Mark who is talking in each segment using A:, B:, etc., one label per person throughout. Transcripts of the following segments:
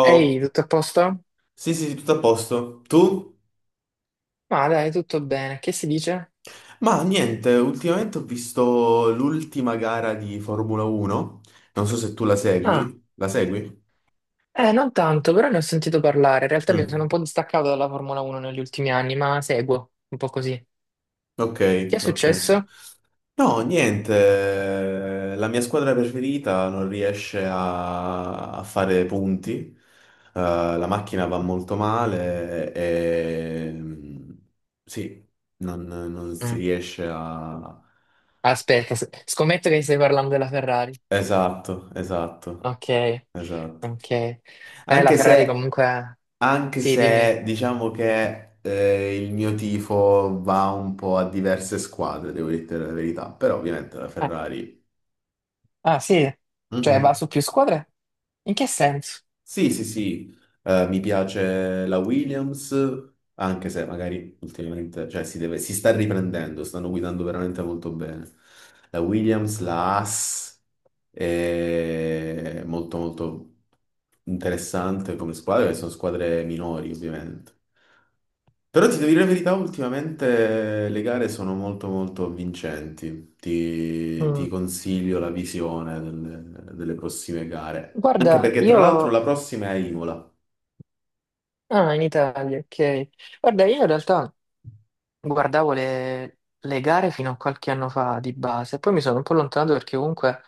A: Ehi, tutto a posto?
B: sì sì, sì, tutto a posto. Tu?
A: Ma dai, tutto bene. Che si dice?
B: Ma niente, ultimamente ho visto l'ultima gara di Formula 1, non so se tu la
A: Ah,
B: segui. La segui?
A: non tanto, però ne ho sentito parlare. In realtà mi sono
B: Mm,
A: un po' distaccato dalla Formula 1 negli ultimi anni, ma seguo un po' così.
B: ok,
A: Che è
B: ok.
A: successo?
B: No, niente, la mia squadra preferita non riesce a fare punti. Eh, la macchina va molto male e sì, non si
A: Mm.
B: riesce a.
A: Aspetta, scommetto che stai parlando della Ferrari.
B: Esatto, esatto,
A: Ok,
B: esatto.
A: ok. La
B: Anche
A: Ferrari
B: se,
A: comunque...
B: anche
A: Sì, dimmi.
B: se diciamo che il mio tifo va un po' a diverse squadre, devo dire la verità, però ovviamente la
A: Ah,
B: Ferrari.
A: ah, sì? Cioè va
B: Mhm.
A: su più squadre? In che senso?
B: Sì, sì, sì. Mi piace la Williams, anche se magari ultimamente, cioè si sta riprendendo, stanno guidando veramente molto bene. La Williams, la Haas, è molto molto interessante come squadra, perché sono squadre minori ovviamente. Però ti devo dire la verità, ultimamente le gare sono molto molto vincenti. Ti
A: Mm.
B: consiglio la visione delle prossime gare. Anche
A: Guarda,
B: perché tra
A: io...
B: l'altro la prossima è a Imola.
A: Ah, in Italia, ok. Guarda, io in realtà... Guardavo le gare fino a qualche anno fa di base, poi mi sono un po' allontanato perché comunque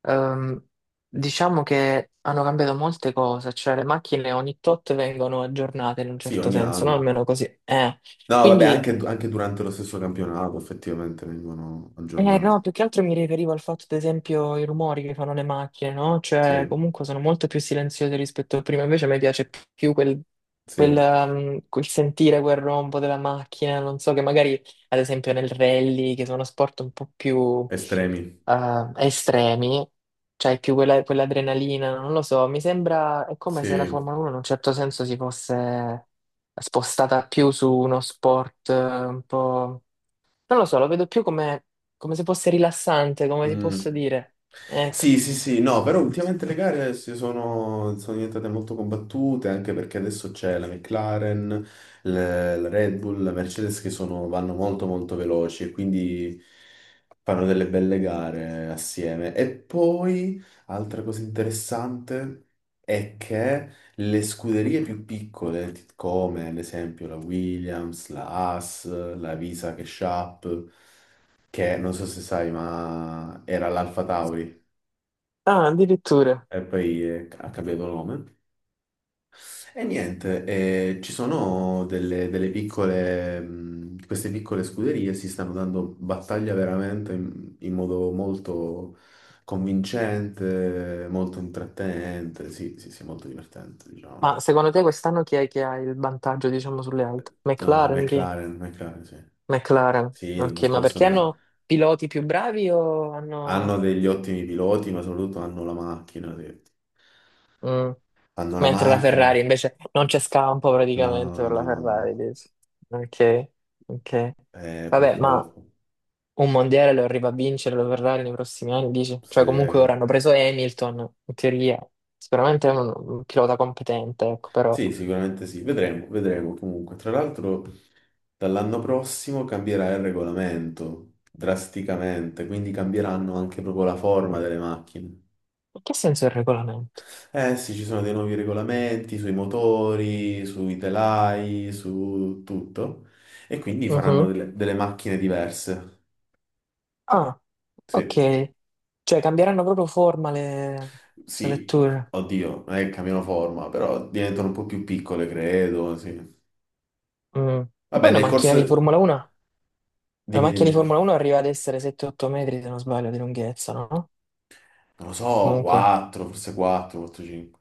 A: ehm, diciamo che hanno cambiato molte cose, cioè le macchine ogni tot vengono aggiornate in un
B: Sì,
A: certo
B: ogni
A: senso, no?
B: anno.
A: Almeno così.
B: No, vabbè,
A: Quindi.
B: anche durante lo stesso campionato effettivamente vengono
A: Eh no,
B: aggiornate.
A: più che altro mi riferivo al fatto, ad esempio, i rumori che fanno le macchine, no?
B: Sì,
A: Cioè, comunque sono molto più silenziose rispetto a prima, invece a me piace più quel,
B: sì,
A: quel, um, quel sentire quel rombo della macchina, non so, che magari, ad esempio, nel rally, che sono sport un po' più
B: estremi.
A: estremi, cioè più quell'adrenalina, non lo so, mi sembra, è come se la
B: Sì.
A: Formula 1 in un certo senso si fosse spostata più su uno sport un po'... Non lo so, lo vedo più come se fosse rilassante, come ti
B: Mm.
A: posso dire. Ecco.
B: Sì, sì, sì, no, però ultimamente le gare sono diventate molto combattute anche perché adesso c'è la McLaren, la Red Bull, la Mercedes che vanno molto molto veloci e quindi fanno delle belle gare assieme. E poi, altra cosa interessante è che le scuderie più piccole, come ad esempio la Williams, la Haas, la Visa che Sharp, che non so se sai, ma era l'Alfa Tauri
A: Ah, addirittura.
B: e poi ha cambiato nome. E niente, ci sono delle piccole, queste piccole scuderie si stanno dando battaglia veramente in modo molto convincente, molto intrattenente, sì, sì, sì, molto divertente, diciamo.
A: Ma secondo te quest'anno chi è che ha il vantaggio, diciamo, sulle altre?
B: No,
A: McLaren, chi è?
B: McLaren, McLaren, sì.
A: McLaren.
B: Sì,
A: Ok,
B: l'anno
A: ma
B: scorso
A: perché hanno piloti più bravi o
B: hanno
A: hanno...
B: degli ottimi piloti, ma soprattutto hanno la macchina, sì.
A: Mm.
B: Hanno la
A: Mentre la
B: macchina.
A: Ferrari invece non c'è scampo praticamente
B: No,
A: per
B: no,
A: la
B: no,
A: Ferrari,
B: no.
A: dici? Ok, ok. Vabbè, ma
B: Purtroppo,
A: un mondiale lo arriva a vincere, lo verrà nei prossimi anni, dici? Cioè, comunque
B: sì.
A: ora hanno preso Hamilton, in teoria, sicuramente è un pilota competente, ecco, però
B: Sì, sicuramente sì, vedremo, vedremo comunque. Tra l'altro, dall'anno prossimo cambierà il regolamento drasticamente, quindi cambieranno anche proprio la forma delle macchine.
A: in che senso è il regolamento?
B: Eh sì, ci sono dei nuovi regolamenti sui motori, sui telai, su tutto, e quindi faranno
A: Mhm.
B: delle macchine diverse.
A: Ah, ok.
B: Sì,
A: Cioè, cambieranno proprio forma le
B: sì,
A: vetture.
B: oddio, non è che cambiano forma, però diventano un po' più piccole, credo, sì.
A: Mm. E
B: Vabbè,
A: poi una
B: nel
A: macchina di
B: corso.
A: Formula 1, una
B: Dimmi,
A: macchina di
B: dimmi.
A: Formula 1 arriva ad essere 7-8 metri, se non sbaglio, di lunghezza, no?
B: Non lo so,
A: Comunque.
B: 4, forse 4, 4, 5.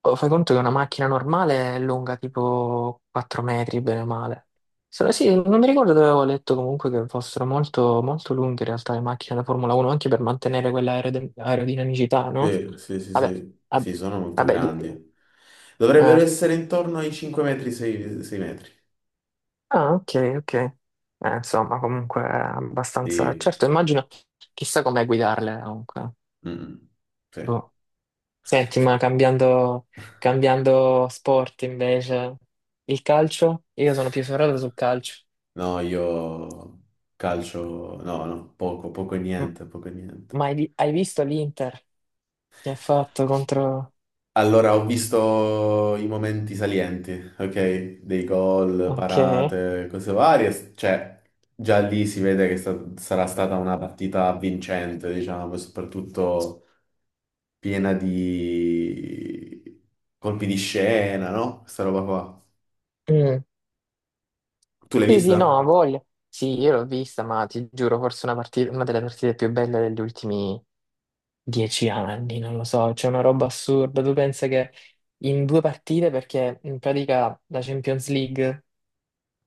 A: Oh, fai conto che una macchina normale è lunga tipo 4 metri, bene o male. Se no- sì, non mi ricordo dove avevo letto comunque che fossero molto, molto lunghe in realtà le macchine da Formula 1, anche per mantenere quella aerodinamicità, no?
B: Sì, sì, sì,
A: Vabbè,
B: sì.
A: ah,
B: Sì, sono molto
A: vabbè,
B: grandi. Dovrebbero
A: eh.
B: essere intorno ai 5 metri, 6, metri.
A: Ah, ok, ok. Insomma, comunque è abbastanza...
B: Sì.
A: Certo, immagino, chissà com'è guidarle comunque.
B: Mm, sì.
A: Boh. Senti,
B: Sì.
A: ma cambiando sport invece, il calcio? Io sono più ferrato sul calcio.
B: No, io calcio, no, no, poco, poco e
A: M-
B: niente, poco e niente.
A: Ma hai visto l'Inter che ha fatto contro...
B: Allora, ho visto i momenti salienti, ok? Dei gol,
A: Ok.
B: parate, cose varie. Cioè, già lì si vede che sarà stata una partita vincente, diciamo, e soprattutto piena di colpi di scena, no? Questa roba qua.
A: Mm.
B: Tu l'hai
A: Sì, sì,
B: vista?
A: no, ha voglia. Sì, io l'ho vista, ma ti giuro, forse una delle partite più belle degli ultimi 10 anni, non lo so, c'è una roba assurda. Tu pensi che in due partite, perché in pratica la Champions League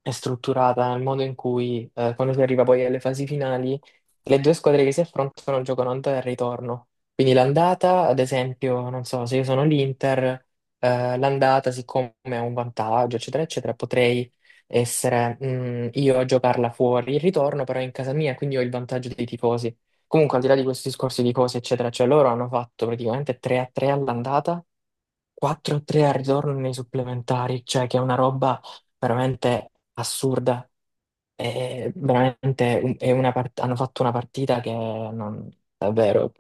A: è strutturata, il modo in cui quando si arriva poi alle fasi finali, le due squadre che si affrontano giocano andata e ritorno. Quindi l'andata, ad esempio, non so, se io sono l'Inter, l'andata, siccome è un vantaggio, eccetera, eccetera, potrei essere io a giocarla fuori. Il ritorno però è in casa mia, quindi ho il vantaggio dei tifosi. Comunque, al di là di questo discorso di cose, eccetera, cioè loro hanno fatto praticamente 3 a 3 all'andata. 4-3 al ritorno nei supplementari, cioè che è una roba veramente assurda. È veramente è una hanno fatto una partita che non, davvero,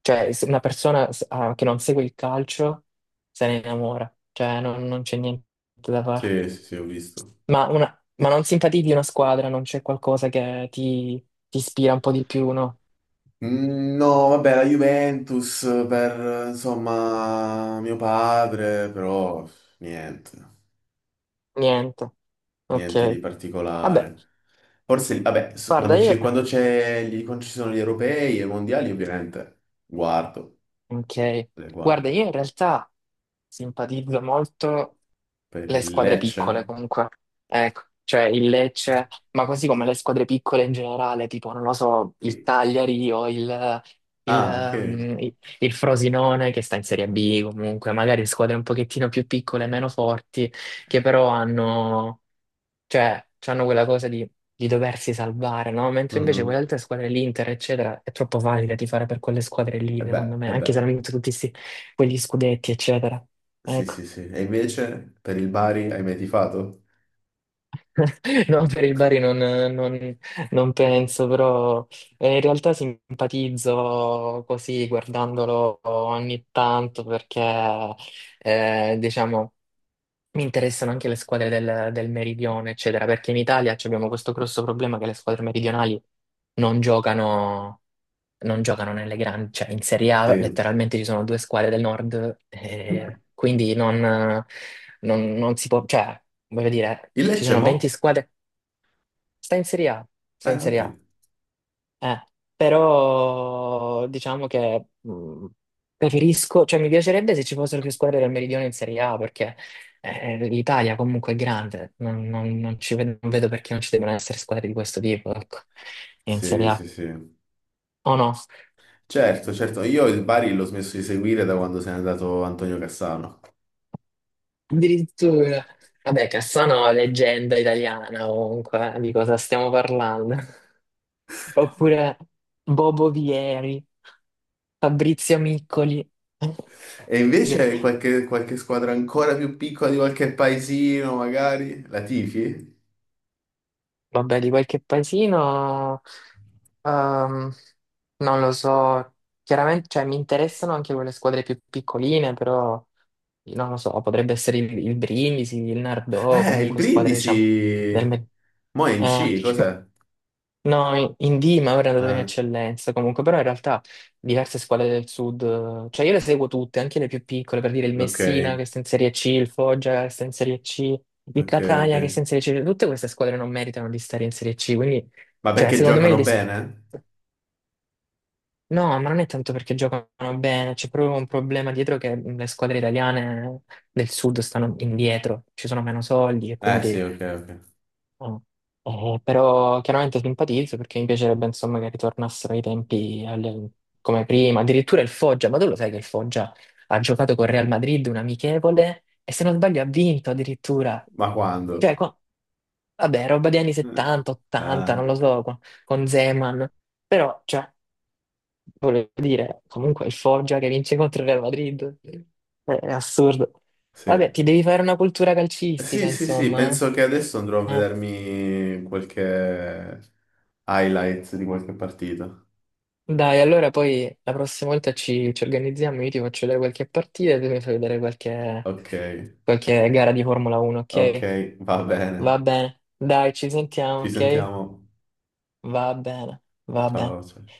A: cioè se una persona che non segue il calcio se ne innamora, cioè non c'è niente da fare.
B: Sì, sì, sì, ho visto.
A: Ma non simpatizzi una squadra, non c'è qualcosa che ti ispira un po' di più, no?
B: Mm, no, vabbè, la Juventus per, insomma, mio padre, però niente,
A: Niente. Ok.
B: niente di
A: Vabbè,
B: particolare. Forse, vabbè,
A: guarda, io...
B: quando ci sono gli europei e i mondiali, ovviamente,
A: Ok.
B: le
A: Guarda,
B: guardo.
A: io in realtà simpatizzo molto
B: Per
A: le
B: il
A: squadre
B: Lecce?
A: piccole comunque. Ecco, cioè il Lecce, ma così come le squadre piccole in generale, tipo, non lo so, il
B: Sì.
A: Cagliari o il, il,
B: Ah, ok.
A: ehm, il- il Frosinone che sta in Serie B comunque, magari squadre un pochettino più piccole, meno forti, che però hanno, cioè, hanno quella cosa di doversi salvare, no? Mentre invece quelle
B: Mhm.
A: altre squadre, l'Inter, eccetera, è troppo valida di fare per quelle squadre lì,
B: E beh,
A: secondo me,
B: e
A: anche
B: beh,
A: se hanno vinto tutti quegli scudetti, eccetera.
B: sì,
A: Ecco.
B: sì, sì. E invece, per il Bari, hai mai tifato?
A: No, per il Bari non, non penso, però in realtà simpatizzo così guardandolo ogni tanto perché diciamo mi interessano anche le squadre del meridione, eccetera, perché in Italia ci abbiamo questo grosso problema che le squadre meridionali non giocano, non giocano nelle grandi, cioè in Serie A
B: Sì.
A: letteralmente ci sono due squadre del nord, quindi non non si può, cioè voglio dire,
B: Il
A: ci
B: Lecce,
A: sono 20
B: mo?
A: squadre. Sta in Serie A, sta in Serie
B: Ok.
A: A. Eh, Però diciamo che preferisco, cioè mi piacerebbe se ci fossero più squadre del Meridione in Serie A perché l'Italia comunque è grande, non vedo, perché non ci debbano essere squadre di questo tipo, ecco, in
B: Sì,
A: Serie
B: sì,
A: A.
B: sì.
A: O no?
B: Certo, certo. Io il Bari l'ho smesso di seguire da quando se n'è andato Antonio Cassano.
A: Addirittura. Vabbè, Cassano è leggenda italiana comunque, di cosa stiamo parlando? Oppure Bobo Vieri, Fabrizio Miccoli.
B: E invece qualche squadra ancora più piccola di qualche paesino, magari? La tifi?
A: Vabbè, di qualche paesino, ehm, non lo so, chiaramente, cioè, mi interessano anche quelle squadre più piccoline, però non lo so, potrebbe essere il, Brindisi, il Nardò,
B: Il
A: comunque squadre, diciamo. del
B: Brindisi.
A: me-
B: Mo' è in
A: eh,
B: C, cos'è?
A: No, in D mi avrei andato in
B: Ah,
A: eccellenza comunque, però in realtà diverse squadre del sud, cioè io le seguo tutte, anche le più piccole, per dire il
B: ok,
A: Messina che sta in Serie C, il Foggia che sta in Serie C, il
B: ok, ok.
A: Catania che sta in Serie C, tutte queste squadre non meritano di stare in Serie C, quindi,
B: Ma
A: cioè,
B: perché
A: secondo me
B: giocano bene?
A: no, ma non è tanto perché giocano bene, c'è proprio un problema dietro che le squadre italiane del sud stanno indietro, ci sono meno soldi e
B: Eh sì,
A: quindi.
B: ok, ok.
A: Ah. Però chiaramente simpatizzo perché mi piacerebbe insomma che ritornassero i tempi come prima, addirittura il Foggia, ma tu lo sai che il Foggia ha giocato con Real Madrid un amichevole e se non sbaglio ha vinto addirittura,
B: Ma quando?
A: cioè vabbè roba degli anni
B: Eh,
A: 70, 80,
B: Ah,
A: non lo so, con, Zeman, però cioè, volevo dire comunque il Foggia che vince contro il Real Madrid, è assurdo. Vabbè,
B: sì.
A: ti devi fare una cultura calcistica
B: Sì, sì, sì,
A: insomma,
B: penso che adesso andrò a
A: eh? Eh.
B: vedermi qualche highlight di qualche partita.
A: Dai, allora poi la prossima volta ci organizziamo, io ti faccio vedere qualche partita e tu mi fai vedere qualche,
B: Ok,
A: qualche gara di Formula 1,
B: ok,
A: ok?
B: va
A: Va
B: bene.
A: bene, dai, ci sentiamo,
B: Ci
A: ok?
B: sentiamo.
A: Va bene, va bene.
B: Ciao, ciao.